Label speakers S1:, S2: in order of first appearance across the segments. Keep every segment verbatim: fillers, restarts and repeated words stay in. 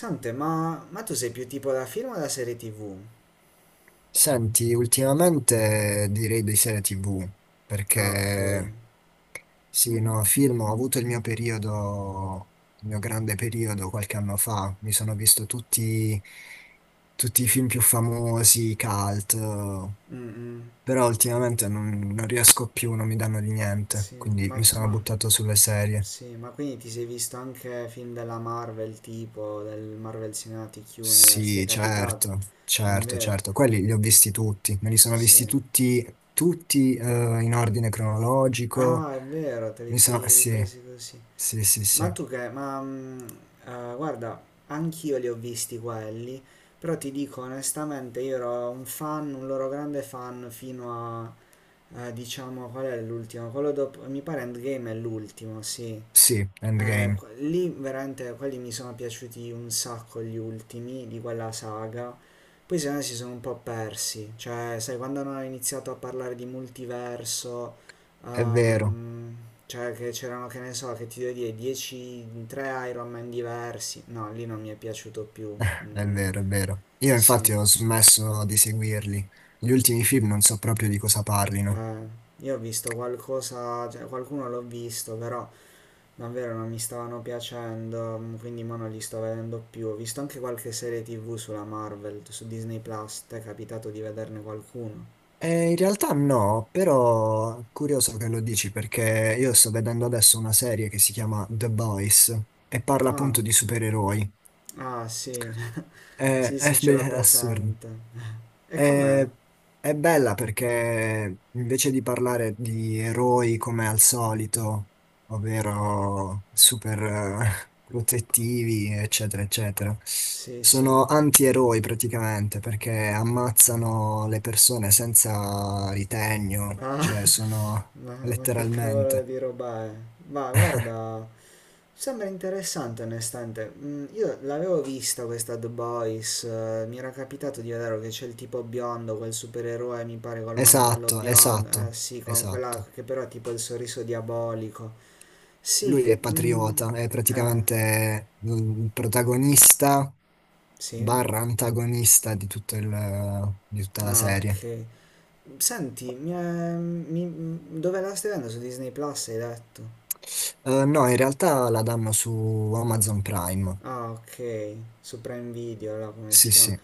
S1: Sante, ma, ma tu sei più tipo da film o da serie T V?
S2: Senti, ultimamente direi di serie ti vu,
S1: Ah, ok.
S2: perché sì, no, film, ho avuto il mio periodo, il mio grande periodo qualche anno fa, mi sono visto tutti, tutti i film più famosi, i cult,
S1: Mm, mm,
S2: però ultimamente non, non riesco più, non mi danno di niente,
S1: sì,
S2: quindi
S1: ma,
S2: mi sono
S1: ma,
S2: buttato sulle serie.
S1: sì, ma quindi ti sei visto anche film della Marvel, tipo del Marvel Cinematic Universe, ti è
S2: Sì,
S1: capitato?
S2: certo,
S1: È
S2: certo,
S1: vero,
S2: certo, quelli li ho visti tutti, me li sono
S1: sì.
S2: visti tutti, tutti eh, in ordine cronologico.
S1: Ah, è vero, te li
S2: Mi sa,
S1: sei
S2: sì,
S1: ripresi così.
S2: sì, sì,
S1: Ma
S2: sì,
S1: tu che, ma mm, eh, guarda, anch'io li ho visti quelli, però ti dico onestamente, io ero un fan, un loro grande fan fino a. Eh, diciamo qual è l'ultimo? Quello dopo, mi pare Endgame è l'ultimo, sì.
S2: sì,
S1: Eh,
S2: Endgame,
S1: qu- lì veramente quelli mi sono piaciuti un sacco gli ultimi di quella saga. Poi se no si sono un po' persi, cioè sai quando hanno iniziato a parlare di multiverso,
S2: è vero,
S1: ehm, cioè che c'erano che ne so, che ti devo dire dieci, tre Iron Man diversi, no, lì non mi è piaciuto più.
S2: è
S1: Mm,
S2: vero, è vero. Io
S1: sì,
S2: infatti ho smesso di seguirli. Gli ultimi film non so proprio di cosa parlino.
S1: Eh, io ho visto qualcosa, cioè, qualcuno l'ho visto, però. Davvero non mi stavano piacendo, mm, quindi mo non li sto vedendo più. Ho visto anche qualche serie T V sulla Marvel, su Disney Plus, ti è capitato di vederne qualcuno?
S2: Eh, in realtà no, però curioso che lo dici perché io sto vedendo adesso una serie che si chiama The Boys e parla
S1: Ah,
S2: appunto di supereroi.
S1: ah sì,
S2: Eh,
S1: sì sì
S2: È,
S1: ce
S2: be-
S1: l'ho
S2: è assurdo.
S1: presente. E com'è?
S2: È, è bella perché invece di parlare di eroi come al solito, ovvero super eh, protettivi, eccetera, eccetera,
S1: Sì sì.
S2: sono antieroi praticamente perché ammazzano le persone senza ritegno,
S1: Ah,
S2: cioè sono
S1: ma, ma che cavolo
S2: letteralmente.
S1: di roba è? Ma guarda, sembra interessante onestamente. Mm. Io l'avevo vista questa The Boys, eh, mi era capitato di vedere che c'è il tipo biondo, quel supereroe mi pare col mantello
S2: Esatto,
S1: biondo,
S2: esatto,
S1: eh sì, con quella
S2: esatto.
S1: che però ha tipo il sorriso diabolico.
S2: Lui
S1: Sì,
S2: è
S1: mm,
S2: patriota, è
S1: eh,
S2: praticamente mm, il protagonista,
S1: sì.
S2: barra antagonista di tutto il- di tutta la
S1: Ah,
S2: serie.
S1: ok. Senti, mi, è- mi- mm, dove la stai vedendo? Su Disney Plus hai detto?
S2: Eh, no, in realtà la danno su Amazon Prime.
S1: Ah, ok, su Prime Video, là come si
S2: Sì,
S1: chiama?
S2: sì,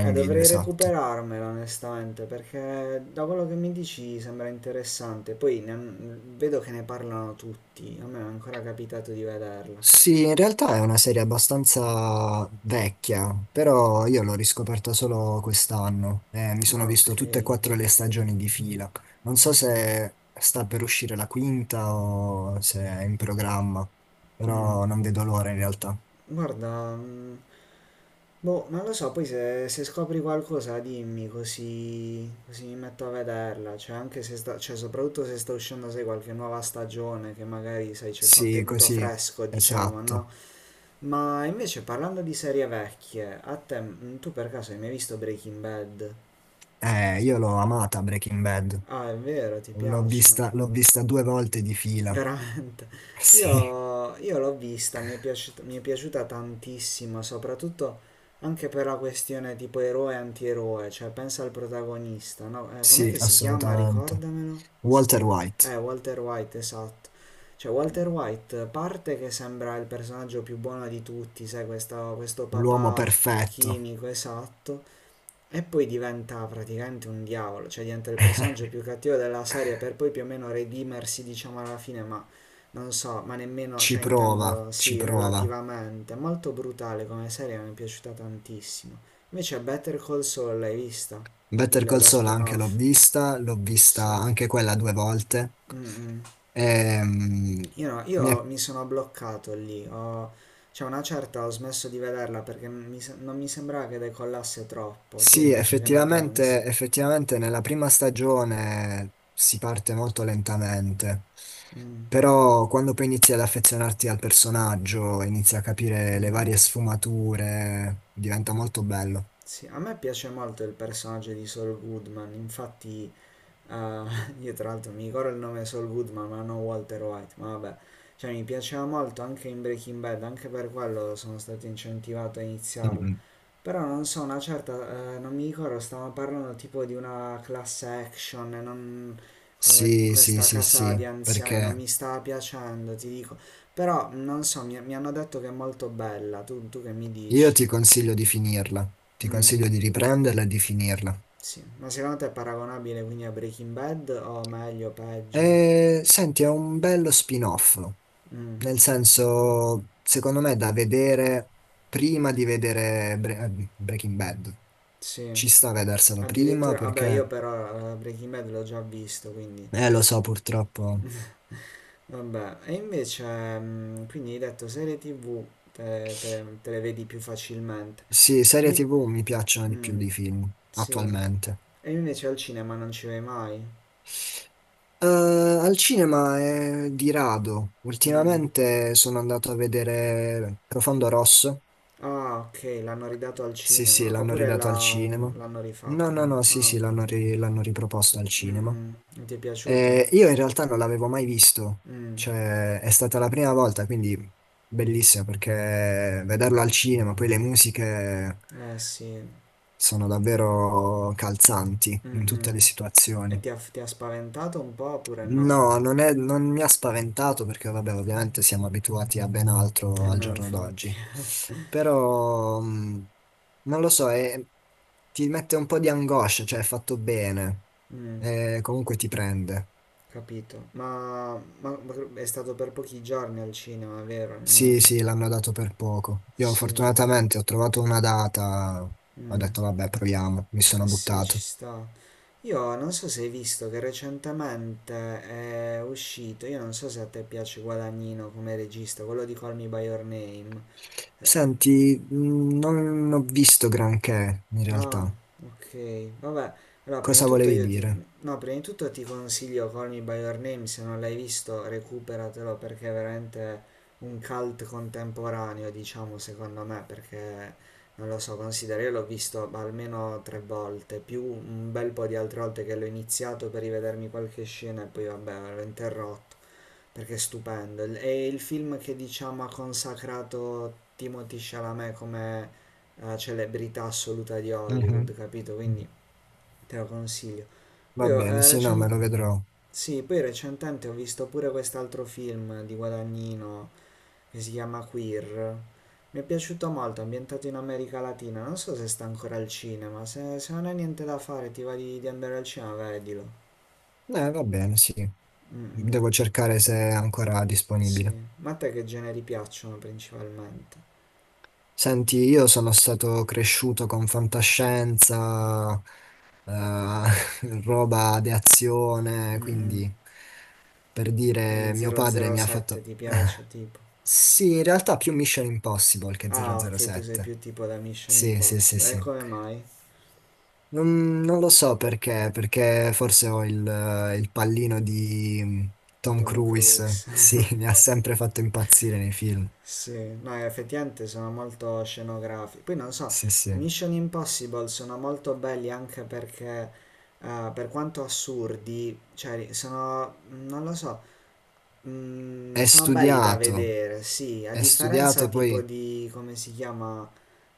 S1: Eh,
S2: Video,
S1: dovrei
S2: esatto.
S1: recuperarmela onestamente perché da quello che mi dici sembra interessante. Poi ne- vedo che ne parlano tutti, a me è ancora capitato di vederla.
S2: Sì, in realtà è una serie abbastanza vecchia, però io l'ho riscoperta solo quest'anno. Eh, mi sono visto
S1: Ok.
S2: tutte e quattro le stagioni di fila. Non so se sta per uscire la quinta o se è in programma,
S1: Mm.
S2: però non vedo l'ora in realtà.
S1: Guarda, mm, boh, non lo so, poi se, se scopri qualcosa dimmi così, così mi metto a vederla, cioè anche se sta, cioè soprattutto se sta uscendo, sai, qualche nuova stagione che magari, sai, c'è
S2: Sì,
S1: contenuto
S2: così,
S1: fresco, diciamo,
S2: esatto.
S1: no? Ma invece parlando di serie vecchie, a te, mm, tu per caso hai mai visto Breaking Bad?
S2: Eh, io l'ho amata Breaking Bad,
S1: Ah, è vero, ti
S2: l'ho
S1: piace?
S2: vista, l'ho vista due volte di fila.
S1: Veramente.
S2: Sì,
S1: Io, io l'ho vista, mi è piaciuta, mi è piaciuta tantissimo, soprattutto anche per la questione tipo eroe e antieroe, cioè pensa al protagonista, no? Eh, com'è
S2: sì,
S1: che si chiama?
S2: assolutamente.
S1: Ricordamelo. Se
S2: Walter
S1: te-
S2: White,
S1: Eh, Walter White, esatto. Cioè, Walter White parte che sembra il personaggio più buono di tutti, sai, questa- questo
S2: l'uomo
S1: papà
S2: perfetto,
S1: chimico, esatto. E poi diventa praticamente un diavolo, cioè diventa il personaggio più cattivo della serie per poi più o meno redimersi, diciamo, alla fine, ma non so, ma nemmeno,
S2: ci
S1: cioè
S2: prova,
S1: intendo
S2: ci
S1: sì,
S2: prova.
S1: relativamente. È molto brutale come serie, mi è piaciuta tantissimo. Invece Better Call Saul, l'hai vista?
S2: Better
S1: Il-
S2: Call
S1: lo
S2: Saul anche l'ho
S1: spin-off?
S2: vista, l'ho vista
S1: Sì.
S2: anche quella due volte.
S1: Mm, mm.
S2: Ehm,
S1: Io no,
S2: mi
S1: io
S2: è
S1: mi sono bloccato lì, ho, cioè una certa ho smesso di vederla perché mi se- non mi sembrava che decollasse troppo. Tu
S2: Sì,
S1: invece che ne pensi?
S2: effettivamente, effettivamente nella prima stagione si parte molto lentamente,
S1: Mm,
S2: però quando poi inizi ad affezionarti al personaggio, inizi a capire le
S1: mm.
S2: varie sfumature, diventa molto bello.
S1: Sì, a me piace molto il personaggio di Saul Goodman, infatti eh, io tra l'altro mi ricordo il nome Saul Goodman, ma non Walter White, ma vabbè, cioè mi piaceva molto anche in Breaking Bad, anche per quello sono stato incentivato a
S2: Mm.
S1: iniziarlo. Però non so, una certa, eh, non mi ricordo, stavamo parlando tipo di una class action, e non, come- di
S2: Sì, sì,
S1: questa
S2: sì,
S1: casa
S2: sì,
S1: di anziani, non
S2: perché
S1: mi stava piacendo, ti dico. Però non so, mi, mi hanno detto che è molto bella, tu, tu che mi
S2: io
S1: dici?
S2: ti consiglio di finirla, ti
S1: Mm.
S2: consiglio di riprenderla e di finirla.
S1: Sì, ma secondo te è paragonabile quindi a Breaking Bad o meglio, peggio?
S2: E senti, è un bello spin-off.
S1: Mm,
S2: Nel senso, secondo me è da vedere prima di vedere Bre- eh, Breaking Bad.
S1: sì,
S2: Ci sta a vederselo prima
S1: addirittura, vabbè io
S2: perché,
S1: però eh, Breaking Bad l'ho già visto, quindi
S2: eh, lo so purtroppo.
S1: vabbè. E invece, mm, quindi hai detto serie T V te, te le, te le vedi più facilmente.
S2: Sì, serie
S1: Di-
S2: ti vu mi piacciono di più
S1: mm,
S2: di film
S1: sì,
S2: attualmente.
S1: e invece al cinema non ci vai mai.
S2: Eh, al cinema è di rado.
S1: Mm.
S2: Ultimamente sono andato a vedere Profondo Rosso.
S1: Ah, ok, l'hanno ridato al
S2: Sì, sì,
S1: cinema,
S2: l'hanno
S1: oppure
S2: ridato al
S1: la-
S2: cinema.
S1: l'hanno
S2: No,
S1: rifatto,
S2: no,
S1: no?
S2: no, sì,
S1: Ah,
S2: sì, l'hanno ri- l'hanno riproposto al
S1: mm,
S2: cinema.
S1: mm. Non ti è piaciuto?
S2: Eh, io in realtà non l'avevo mai visto,
S1: Mm.
S2: cioè è stata la prima volta, quindi bellissima perché vederlo al cinema, poi le musiche
S1: Eh sì,
S2: sono davvero calzanti
S1: mm,
S2: in tutte
S1: mm.
S2: le
S1: E
S2: situazioni.
S1: ti ha, ti ha spaventato un po' oppure no?
S2: No, non è- non mi ha spaventato perché vabbè, ovviamente siamo abituati a ben
S1: Eh
S2: altro al
S1: no,
S2: giorno
S1: infatti.
S2: d'oggi, però mh, non lo so, è- ti mette un po' di angoscia, cioè è fatto bene,
S1: Mm,
S2: eh, comunque ti prende.
S1: capito. Ma, ma- ma è stato per pochi giorni al cinema, vero?
S2: Sì,
S1: Mm,
S2: sì, l'hanno dato per poco. Io
S1: sì.
S2: fortunatamente ho trovato una data, ho
S1: Mm,
S2: detto vabbè, proviamo, mi sono
S1: eh sì, ci
S2: buttato.
S1: sta. Io non so se hai visto che recentemente è uscito, io non so se a te piace Guadagnino come regista, quello di Call Me By Your Name.
S2: Senti, mh, non ho visto granché in
S1: Ah,
S2: realtà.
S1: ok. Vabbè, allora prima di
S2: Cosa
S1: tutto
S2: volevi
S1: io ti.
S2: dire?
S1: No, prima di tutto ti consiglio Call Me By Your Name, se non l'hai visto recuperatelo perché è veramente un cult contemporaneo, diciamo, secondo me, perché non lo so, considero, io l'ho visto almeno tre volte, più un bel po' di altre volte che l'ho iniziato per rivedermi qualche scena e poi vabbè, l'ho interrotto perché è stupendo. È il film che diciamo ha consacrato Timothy Chalamet come eh, celebrità assoluta di Hollywood,
S2: Mhm.
S1: capito? Quindi te lo consiglio.
S2: Va
S1: Poi, ho,
S2: bene,
S1: eh,
S2: sì, no, me
S1: recen-
S2: lo vedrò.
S1: sì, poi recentemente ho visto pure quest'altro film di Guadagnino che si chiama Queer. Mi è piaciuto molto, ambientato in America Latina. Non so se sta ancora al cinema. Se, se non hai niente da fare, ti va di, di andare al cinema, vedilo.
S2: Eh, va bene, sì.
S1: Mm, mm,
S2: Devo cercare se è ancora
S1: sì.
S2: disponibile.
S1: Ma a te che generi piacciono principalmente?
S2: Senti, io sono stato cresciuto con fantascienza, eh, roba di azione,
S1: Mm.
S2: quindi per dire
S1: Quindi
S2: mio padre mi ha
S1: zero zero sette
S2: fatto...
S1: ti piace tipo.
S2: Sì, in realtà più Mission Impossible che
S1: Ah, ok, tu sei
S2: zero zero sette.
S1: più tipo da Mission
S2: Sì, sì, sì,
S1: Impossible. E
S2: sì.
S1: come mai?
S2: Non, non lo so perché, perché forse ho il, eh, il pallino di mm, Tom
S1: Tom
S2: Cruise.
S1: Cruise.
S2: Sì, mi ha sempre fatto impazzire nei film.
S1: Sì, no, effettivamente sono molto scenografici. Poi non so,
S2: Sì,
S1: i
S2: sì.
S1: Mission Impossible sono molto belli anche perché, eh, per quanto assurdi, cioè sono, non lo so, mm,
S2: È
S1: sono belli da
S2: studiato,
S1: vedere, sì, a
S2: è
S1: differenza
S2: studiato
S1: tipo
S2: poi...
S1: di, come si chiama?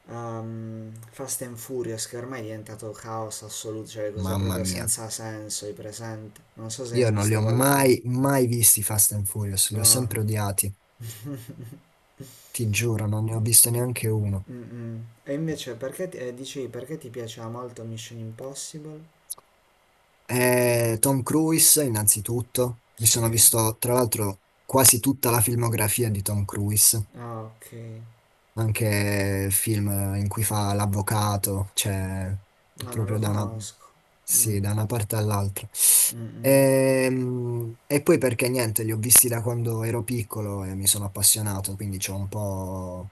S1: Um, Fast and Furious che ormai è diventato caos assoluto, cioè le cose
S2: Mamma
S1: proprio
S2: mia,
S1: senza senso, i presenti. Non so se ne hai
S2: io non li
S1: visto
S2: ho
S1: qualcuno.
S2: mai, mai visti i Fast and Furious, li ho
S1: No.
S2: sempre odiati, ti giuro, non ne ho visto neanche uno.
S1: Mm-mm. E invece perché ti, eh, dicevi perché ti piaceva molto Mission Impossible?
S2: Eh, Tom Cruise, innanzitutto, mi sono
S1: Sì.
S2: visto tra l'altro quasi tutta la filmografia di Tom Cruise,
S1: Ah, ok.
S2: anche film in cui fa l'avvocato, cioè
S1: No, non lo
S2: proprio da una,
S1: conosco. Mm.
S2: sì, da una parte all'altra.
S1: Mm-mm.
S2: Ehm, E, poi perché niente, li ho visti da quando ero piccolo e mi sono appassionato, quindi c'ho un po'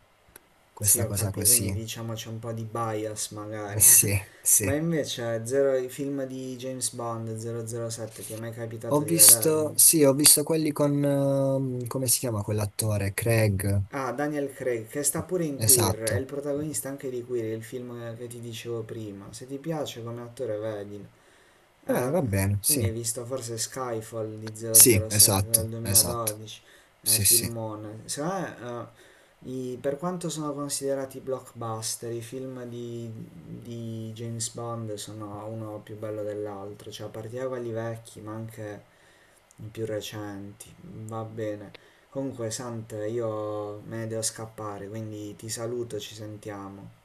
S1: Sì,
S2: questa
S1: ho
S2: cosa
S1: capito,
S2: così.
S1: quindi diciamo c'è un po' di bias
S2: Eh,
S1: magari.
S2: Sì,
S1: Ma
S2: sì.
S1: invece zero, i film di James Bond zero zero sette ti è mai
S2: Ho
S1: capitato di vederli?
S2: visto, sì, ho visto quelli con, ehm, come si chiama quell'attore? Craig,
S1: Ah, Daniel Craig, che sta pure in Queer, è il
S2: esatto.
S1: protagonista anche di Queer, il film che ti dicevo prima. Se ti piace come attore, vedilo.
S2: Eh,
S1: Eh,
S2: va bene, sì.
S1: quindi hai visto forse Skyfall di
S2: Sì,
S1: zero zero sette del
S2: esatto, esatto.
S1: duemiladodici, eh,
S2: Sì, sì.
S1: filmone. Secondo me, eh, i- per quanto sono considerati blockbuster, i film di, di, James Bond sono uno più bello dell'altro, cioè a partire da quelli vecchi, ma anche i più recenti, va bene. Comunque, Sante, io me ne devo scappare, quindi ti saluto, ci sentiamo.